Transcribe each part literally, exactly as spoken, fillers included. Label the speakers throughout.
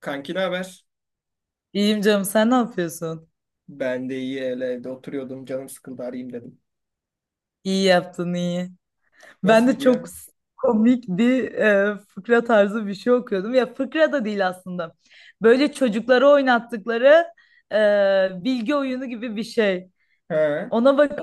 Speaker 1: Kanki ne haber?
Speaker 2: İyiyim canım, sen ne yapıyorsun?
Speaker 1: Ben de iyi öyle evde oturuyordum. Canım sıkıldı arayayım dedim.
Speaker 2: İyi yaptın, iyi. Ben
Speaker 1: Nasıl
Speaker 2: de çok
Speaker 1: gidiyor?
Speaker 2: s- komik bir e, fıkra tarzı bir şey okuyordum. Ya fıkra da değil aslında. Böyle çocuklara oynattıkları e, bilgi oyunu gibi bir şey.
Speaker 1: He.
Speaker 2: Ona bak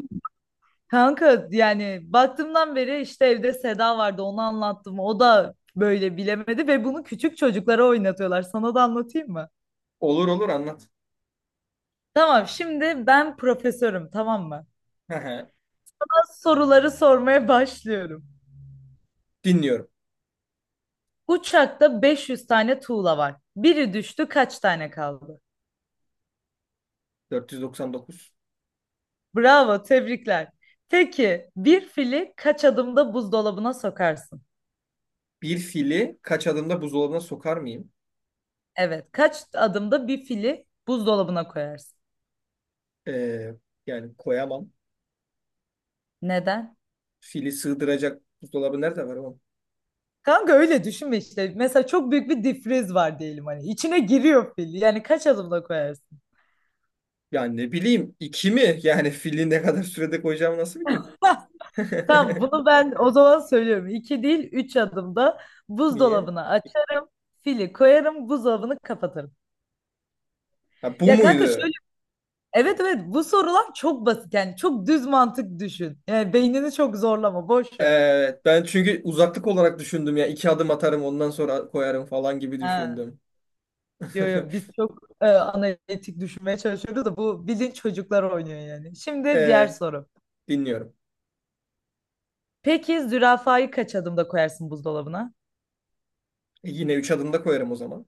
Speaker 2: kanka, yani baktığımdan beri işte evde Seda vardı, onu anlattım. O da böyle bilemedi ve bunu küçük çocuklara oynatıyorlar. Sana da anlatayım mı?
Speaker 1: Olur olur anlat.
Speaker 2: Tamam, şimdi ben profesörüm, tamam mı?
Speaker 1: He he.
Speaker 2: Soruları sormaya başlıyorum.
Speaker 1: Dinliyorum.
Speaker 2: Uçakta beş yüz tane tuğla var. Biri düştü, kaç tane kaldı?
Speaker 1: dört yüz doksan dokuz.
Speaker 2: Bravo, tebrikler. Peki bir fili kaç adımda buzdolabına sokarsın?
Speaker 1: Bir fili kaç adımda buzdolabına sokar mıyım?
Speaker 2: Evet, kaç adımda bir fili buzdolabına koyarsın?
Speaker 1: Ee, yani koyamam.
Speaker 2: Neden?
Speaker 1: Fili sığdıracak buzdolabı nerede var oğlum?
Speaker 2: Kanka öyle düşünme işte. Mesela çok büyük bir difriz var diyelim hani. İçine giriyor fil. Yani kaç adımda koyarsın?
Speaker 1: Yani ne bileyim iki mi? Yani fili ne kadar sürede koyacağımı nasıl bileyim?
Speaker 2: Tamam, bunu ben o zaman söylüyorum. İki değil, üç adımda
Speaker 1: Niye?
Speaker 2: buzdolabına açarım. Fili koyarım, buzdolabını kapatırım.
Speaker 1: Ha, bu
Speaker 2: Ya kanka,
Speaker 1: muydu?
Speaker 2: evet evet, bu sorular çok basit, yani çok düz mantık düşün. Yani beynini çok zorlama, boş ver.
Speaker 1: Evet ben çünkü uzaklık olarak düşündüm ya. İki adım atarım ondan sonra koyarım falan gibi
Speaker 2: Ha,
Speaker 1: düşündüm.
Speaker 2: yo, yo, biz çok e, analitik düşünmeye çalışıyoruz da bu bilin çocuklar oynuyor yani. Şimdi diğer
Speaker 1: Ee,
Speaker 2: soru.
Speaker 1: dinliyorum.
Speaker 2: Peki zürafayı kaç adımda koyarsın buzdolabına?
Speaker 1: E, yine üç adımda koyarım o zaman.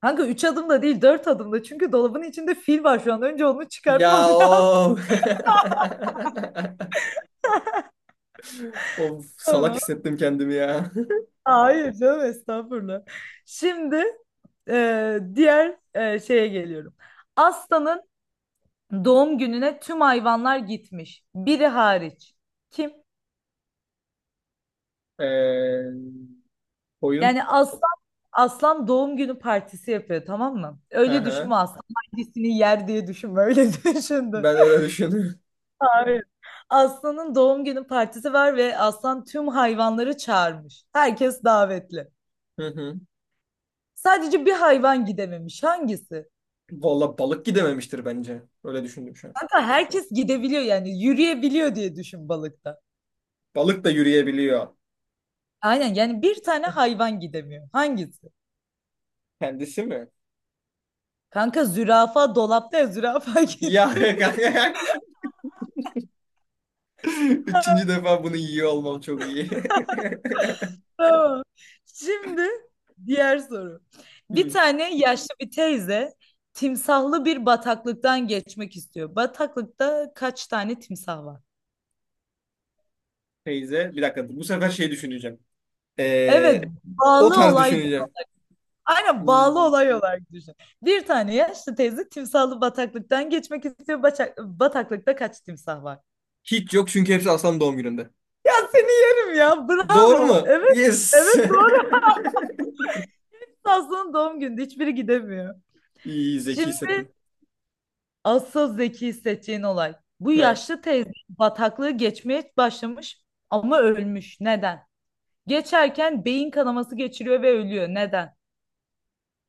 Speaker 2: Kanka üç adımda değil, dört adımda, çünkü dolabın içinde fil var şu an. Önce onu çıkartman
Speaker 1: Ya
Speaker 2: lazım
Speaker 1: o. Of salak
Speaker 2: ama.
Speaker 1: hissettim kendimi ya.
Speaker 2: Hayır canım, estağfurullah. Şimdi e, diğer e, şeye geliyorum. Aslanın doğum gününe tüm hayvanlar gitmiş. Biri hariç. Kim?
Speaker 1: Ee, oyun.
Speaker 2: Yani aslan, aslan doğum günü partisi yapıyor, tamam mı? Öyle
Speaker 1: Aha,
Speaker 2: düşünme, aslan hangisini yer diye düşünme, öyle düşündüm.
Speaker 1: ben öyle düşünüyorum.
Speaker 2: Hayır. Aslan'ın doğum günü partisi var ve aslan tüm hayvanları çağırmış. Herkes davetli.
Speaker 1: Hı hı.
Speaker 2: Sadece bir hayvan gidememiş. Hangisi?
Speaker 1: Valla balık gidememiştir bence. Öyle düşündüm şu an.
Speaker 2: Kanka herkes gidebiliyor yani yürüyebiliyor diye düşün, balıkta.
Speaker 1: Balık da yürüyebiliyor.
Speaker 2: Aynen, yani bir tane hayvan gidemiyor. Hangisi?
Speaker 1: Kendisi mi?
Speaker 2: Kanka zürafa dolapta ya, zürafa
Speaker 1: Ya
Speaker 2: gidiyor.
Speaker 1: kanka. Üçüncü defa bunu yiyor olmam çok iyi.
Speaker 2: Tamam. Şimdi diğer soru. Bir
Speaker 1: Hı.
Speaker 2: tane yaşlı bir teyze timsahlı bir bataklıktan geçmek istiyor. Bataklıkta kaç tane timsah var?
Speaker 1: Teyze. Bir dakika. Bu sefer şey düşüneceğim.
Speaker 2: Evet,
Speaker 1: Ee, o
Speaker 2: bağlı
Speaker 1: tarz
Speaker 2: olay.
Speaker 1: düşüneceğim.
Speaker 2: Aynen, bağlı
Speaker 1: Hmm.
Speaker 2: olay olarak düşün. Bir tane yaşlı teyze timsahlı bataklıktan geçmek istiyor. Baça- bataklıkta kaç timsah var?
Speaker 1: Hiç yok çünkü hepsi Aslan doğum gününde.
Speaker 2: Ya seni yerim ya.
Speaker 1: Doğru
Speaker 2: Bravo.
Speaker 1: mu?
Speaker 2: Evet.
Speaker 1: Yes.
Speaker 2: Evet doğru. Aslında doğum günü, hiçbiri gidemiyor.
Speaker 1: İyi zeki
Speaker 2: Şimdi
Speaker 1: hissettim.
Speaker 2: asıl zeki hissedeceğin olay. Bu
Speaker 1: Ha.
Speaker 2: yaşlı teyze bataklığı geçmeye başlamış ama ölmüş. Neden? Geçerken beyin kanaması geçiriyor ve ölüyor. Neden?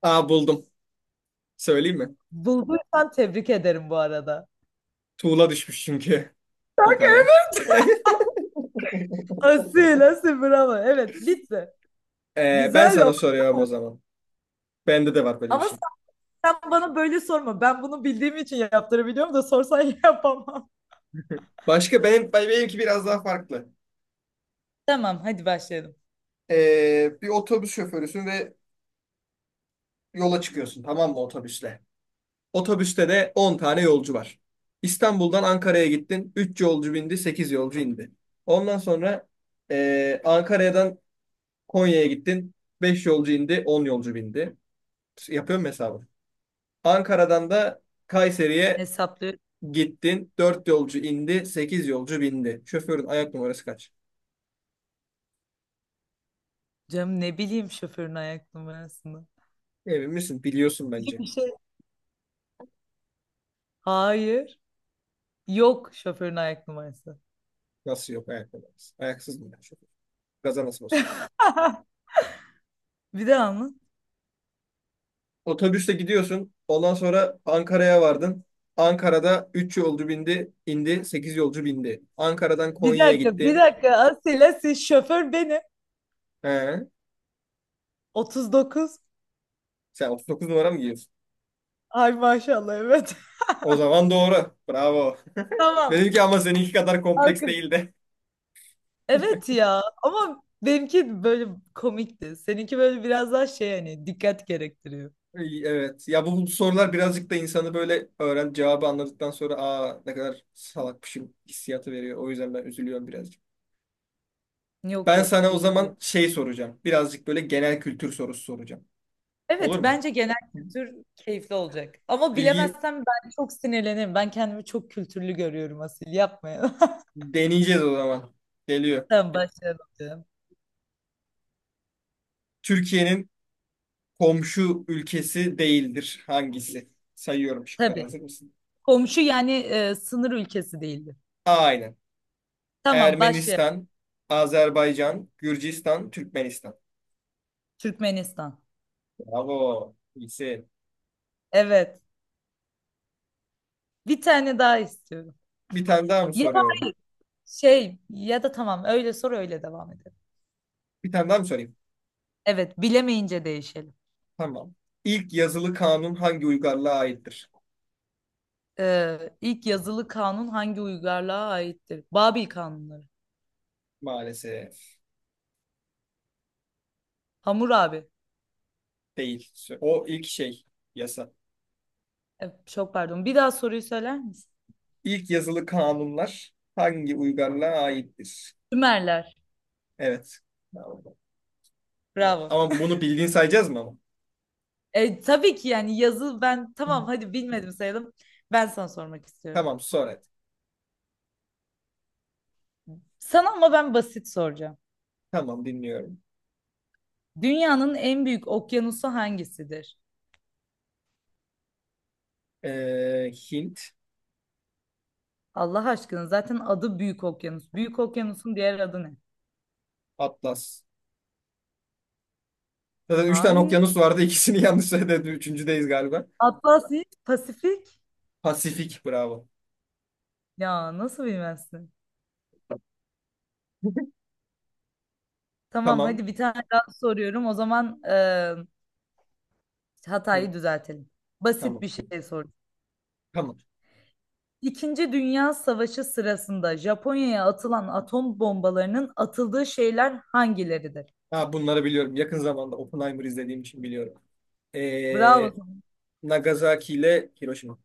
Speaker 1: Aa, buldum. Söyleyeyim mi?
Speaker 2: Bulduysan tebrik ederim bu arada.
Speaker 1: Tuğla düşmüş çünkü yukarıdan.
Speaker 2: Asil, asil bravo. Evet, bitti.
Speaker 1: Ee, ben
Speaker 2: Güzel o.
Speaker 1: sana soruyorum o zaman. Bende de var böyle bir
Speaker 2: Ama sen,
Speaker 1: şey.
Speaker 2: sen bana böyle sorma. Ben bunu bildiğim için yaptırabiliyorum da sorsan yapamam.
Speaker 1: Başka benim benimki biraz daha farklı.
Speaker 2: Tamam, hadi başlayalım.
Speaker 1: Ee, bir otobüs şoförüsün ve yola çıkıyorsun, tamam mı, otobüsle? Otobüste de on tane yolcu var. İstanbul'dan Ankara'ya gittin. Üç yolcu bindi, sekiz yolcu indi. Ondan sonra ee, Ankara'dan Konya'ya gittin. Beş yolcu indi, on yolcu bindi. Yapıyorum hesabı. Ankara'dan da Kayseri'ye
Speaker 2: Hesaplıyorum.
Speaker 1: gittin. Dört yolcu indi, sekiz yolcu bindi. Şoförün ayak numarası kaç?
Speaker 2: Canım, ne bileyim şoförün ayak numarasını.
Speaker 1: Emin misin? Biliyorsun bence.
Speaker 2: Bir şey. Hayır. Yok, şoförün ayak numarası.
Speaker 1: Nasıl yok ayak numarası? Ayaksız mı yani şoför? Gaza nasıl basıyor?
Speaker 2: Bir daha mı?
Speaker 1: Otobüste gidiyorsun. Ondan sonra Ankara'ya vardın. Ankara'da üç yolcu bindi, indi, sekiz yolcu bindi. Ankara'dan
Speaker 2: Bir
Speaker 1: Konya'ya
Speaker 2: dakika, bir
Speaker 1: gittin.
Speaker 2: dakika. Asila, siz şoför benim.
Speaker 1: He.
Speaker 2: otuz dokuz.
Speaker 1: Sen otuz dokuz numara mı giyiyorsun?
Speaker 2: Ay maşallah, evet.
Speaker 1: O zaman doğru. Bravo.
Speaker 2: Tamam.
Speaker 1: Benimki ama seninki kadar kompleks
Speaker 2: Arkadaş.
Speaker 1: değildi.
Speaker 2: Evet ya, ama benimki böyle komikti. Seninki böyle biraz daha şey, hani dikkat gerektiriyor.
Speaker 1: İyi, evet. Ya bu, bu sorular birazcık da insanı böyle öğren cevabı anladıktan sonra, aa, ne kadar salakmışım hissiyatı veriyor. O yüzden ben üzülüyorum birazcık.
Speaker 2: Yok
Speaker 1: Ben
Speaker 2: yok,
Speaker 1: sana o
Speaker 2: değil ya.
Speaker 1: zaman şey soracağım. Birazcık böyle genel kültür sorusu soracağım.
Speaker 2: Evet,
Speaker 1: Olur mu?
Speaker 2: bence genel kültür keyifli olacak. Ama
Speaker 1: Bilgi
Speaker 2: bilemezsem ben çok sinirlenirim. Ben kendimi çok kültürlü görüyorum Asil. Yapmayın.
Speaker 1: deneyeceğiz o zaman. Geliyor.
Speaker 2: Tamam, başlayalım canım.
Speaker 1: Türkiye'nin komşu ülkesi değildir. Hangisi? Sayıyorum şıkları.
Speaker 2: Tabii.
Speaker 1: Hazır mısın?
Speaker 2: Komşu yani e, sınır ülkesi değildi.
Speaker 1: A.
Speaker 2: Tamam, başlayalım.
Speaker 1: Ermenistan, Azerbaycan, Gürcistan, Türkmenistan.
Speaker 2: Türkmenistan.
Speaker 1: Bravo. İyisin.
Speaker 2: Evet. Bir tane daha istiyorum.
Speaker 1: Bir tane daha mı
Speaker 2: Ya da
Speaker 1: soruyorum?
Speaker 2: hayır, şey, ya da tamam, öyle sor, öyle devam edelim.
Speaker 1: Bir tane daha mı sorayım?
Speaker 2: Evet, bilemeyince değişelim.
Speaker 1: Tamam. İlk yazılı kanun hangi uygarlığa aittir?
Speaker 2: Ee, ilk yazılı kanun hangi uygarlığa aittir? Babil kanunları.
Speaker 1: Maalesef
Speaker 2: Hammurabi.
Speaker 1: değil. O ilk şey yasa.
Speaker 2: E, çok pardon. Bir daha soruyu söyler misin?
Speaker 1: İlk yazılı kanunlar hangi uygarlığa aittir?
Speaker 2: Sümerler.
Speaker 1: Evet. Tamam, tamam.
Speaker 2: Bravo.
Speaker 1: Ama bunu bildiğin sayacağız mı ama?
Speaker 2: E, tabii ki, yani yazı, ben tamam, hadi bilmedim sayalım. Ben sana sormak istiyorum.
Speaker 1: Tamam, sor hadi.
Speaker 2: Sana ama ben basit soracağım.
Speaker 1: Tamam, dinliyorum.
Speaker 2: Dünyanın en büyük okyanusu hangisidir?
Speaker 1: Ee, Hint.
Speaker 2: Allah aşkına, zaten adı Büyük Okyanus. Büyük Okyanus'un diğer adı ne?
Speaker 1: Atlas. Zaten üç tane
Speaker 2: Hayır.
Speaker 1: okyanus vardı. İkisini yanlış söyledim. Üçüncüdeyiz galiba.
Speaker 2: Atlasya, Pasifik.
Speaker 1: Pasifik. Bravo.
Speaker 2: Ya nasıl bilmezsin? Tamam,
Speaker 1: Tamam.
Speaker 2: hadi bir tane daha soruyorum. O zaman e,
Speaker 1: Hı,
Speaker 2: hatayı düzeltelim. Basit
Speaker 1: tamam.
Speaker 2: bir şey sorayım.
Speaker 1: Tamam.
Speaker 2: İkinci Dünya Savaşı sırasında Japonya'ya atılan atom bombalarının atıldığı şehirler hangileridir?
Speaker 1: Ha, bunları biliyorum. Yakın zamanda Oppenheimer izlediğim için biliyorum.
Speaker 2: Bravo,
Speaker 1: Ee, Nagasaki ile Hiroşima.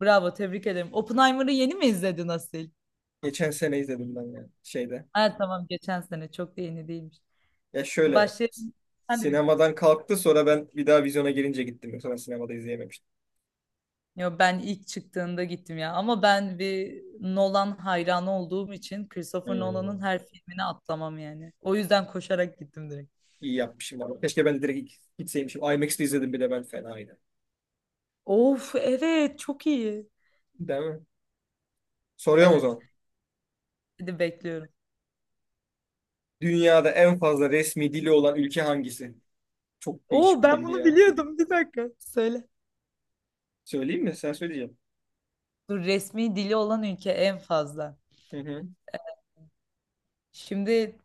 Speaker 2: bravo tebrik ederim. Oppenheimer'ı yeni mi izledin Asil?
Speaker 1: Geçen sene izledim ben yani şeyde.
Speaker 2: Ha, tamam, geçen sene çok da yeni değilmiş.
Speaker 1: Ya şöyle
Speaker 2: Başlayalım. Hadi bir tane.
Speaker 1: sinemadan kalktı, sonra ben bir daha vizyona girince gittim. Yoksa ben sinemada izleyememiştim.
Speaker 2: Yo, ben ilk çıktığında gittim ya. Ama ben bir Nolan hayranı olduğum için Christopher Nolan'ın
Speaker 1: Hmm.
Speaker 2: her filmini atlamam yani. O yüzden koşarak gittim direkt.
Speaker 1: İyi yapmışım ama. Keşke ben de direkt gitseymişim. aymaks'te izledim bile, ben fenaydı.
Speaker 2: Of evet, çok iyi.
Speaker 1: Değil mi? Soruyorum o
Speaker 2: Evet.
Speaker 1: zaman.
Speaker 2: Hadi bekliyorum.
Speaker 1: Dünyada en fazla resmi dili olan ülke hangisi? Çok değişik
Speaker 2: Oo,
Speaker 1: bir
Speaker 2: ben
Speaker 1: bilgi
Speaker 2: bunu
Speaker 1: ya.
Speaker 2: biliyordum. Bir dakika, söyle.
Speaker 1: Söyleyeyim mi? Sen söyleyeceğim.
Speaker 2: Dur, resmi dili olan ülke en fazla.
Speaker 1: Hı hı.
Speaker 2: Şimdi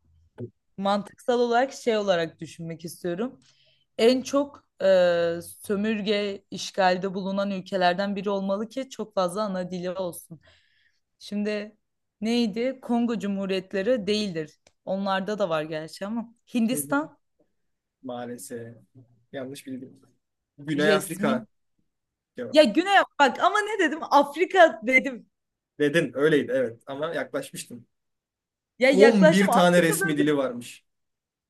Speaker 2: mantıksal olarak şey olarak düşünmek istiyorum. En çok e, sömürge işgalde bulunan ülkelerden biri olmalı ki çok fazla ana dili olsun. Şimdi neydi? Kongo Cumhuriyetleri değildir. Onlarda da var gerçi ama.
Speaker 1: Hı hı.
Speaker 2: Hindistan
Speaker 1: Maalesef. Yanlış bildim. Güney
Speaker 2: resmi.
Speaker 1: Afrika cevap.
Speaker 2: Ya Güney, bak ama ne dedim? Afrika dedim.
Speaker 1: Dedin, öyleydi evet, ama yaklaşmıştın.
Speaker 2: Ya yaklaştım,
Speaker 1: on bir tane
Speaker 2: Afrika
Speaker 1: resmi
Speaker 2: bölgesi
Speaker 1: dili varmış.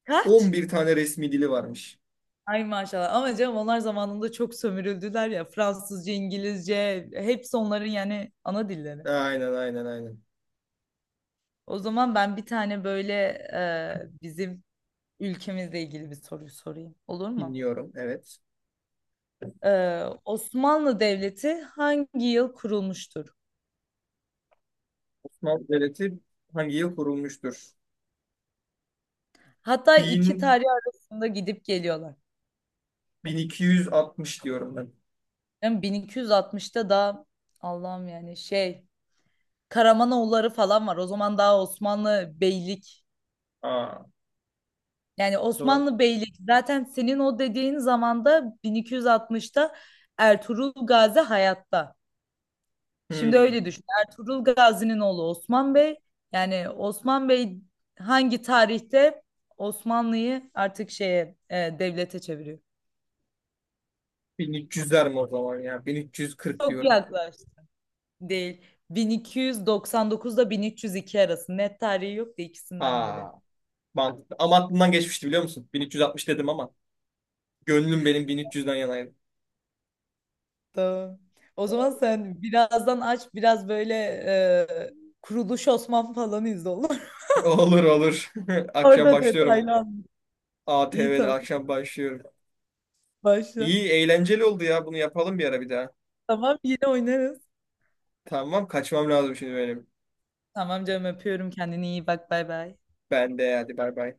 Speaker 2: kaç?
Speaker 1: on bir tane resmi dili varmış.
Speaker 2: Ay maşallah, ama canım onlar zamanında çok sömürüldüler ya. Fransızca, İngilizce hepsi onların yani ana dilleri.
Speaker 1: Aynen aynen aynen.
Speaker 2: O zaman ben bir tane böyle e, bizim ülkemizle ilgili bir soru sorayım. Olur mu?
Speaker 1: Dinliyorum, evet.
Speaker 2: Ee, Osmanlı Devleti hangi yıl kurulmuştur?
Speaker 1: Osmanlı Devleti hangi yıl kurulmuştur?
Speaker 2: Hatta iki
Speaker 1: bin,
Speaker 2: tarih arasında gidip geliyorlar.
Speaker 1: bin iki yüz altmış diyorum ben.
Speaker 2: Yani bin iki yüz altmışta da, Allah'ım yani şey, Karamanoğulları falan var. O zaman daha Osmanlı beylik.
Speaker 1: Aa, o
Speaker 2: Yani
Speaker 1: zaman.
Speaker 2: Osmanlı beylik zaten senin o dediğin zamanda, bin iki yüz altmışta Ertuğrul Gazi hayatta. Şimdi öyle
Speaker 1: Hmm.
Speaker 2: düşün. Ertuğrul Gazi'nin oğlu Osman Bey. Yani Osman Bey hangi tarihte Osmanlı'yı artık şeye e, devlete çeviriyor?
Speaker 1: bin üç yüzler mi o zaman ya? bin üç yüz kırk
Speaker 2: Çok
Speaker 1: diyorum.
Speaker 2: yaklaştı. Değil. bin iki yüz doksan dokuzda bin üç yüz iki arası. Net tarihi yok da ikisinden biri.
Speaker 1: Ha, mantıklı. Ama aklımdan geçmişti, biliyor musun? bin üç yüz altmış dedim ama gönlüm benim bin üç yüzden yanaydı.
Speaker 2: Tamam. O zaman sen birazdan aç biraz böyle e, Kuruluş Osman falan izle, olur.
Speaker 1: Olur olur. Akşam
Speaker 2: Orada
Speaker 1: başlıyorum.
Speaker 2: detaylı anlat.
Speaker 1: A,
Speaker 2: İyi,
Speaker 1: ATV'de
Speaker 2: tamam,
Speaker 1: akşam başlıyorum.
Speaker 2: başla.
Speaker 1: İyi, eğlenceli oldu ya. Bunu yapalım bir ara bir daha.
Speaker 2: Tamam, yine oynarız.
Speaker 1: Tamam, kaçmam lazım şimdi benim.
Speaker 2: Tamam canım, öpüyorum, kendine iyi bak, bay bay.
Speaker 1: Ben de hadi, bay bay.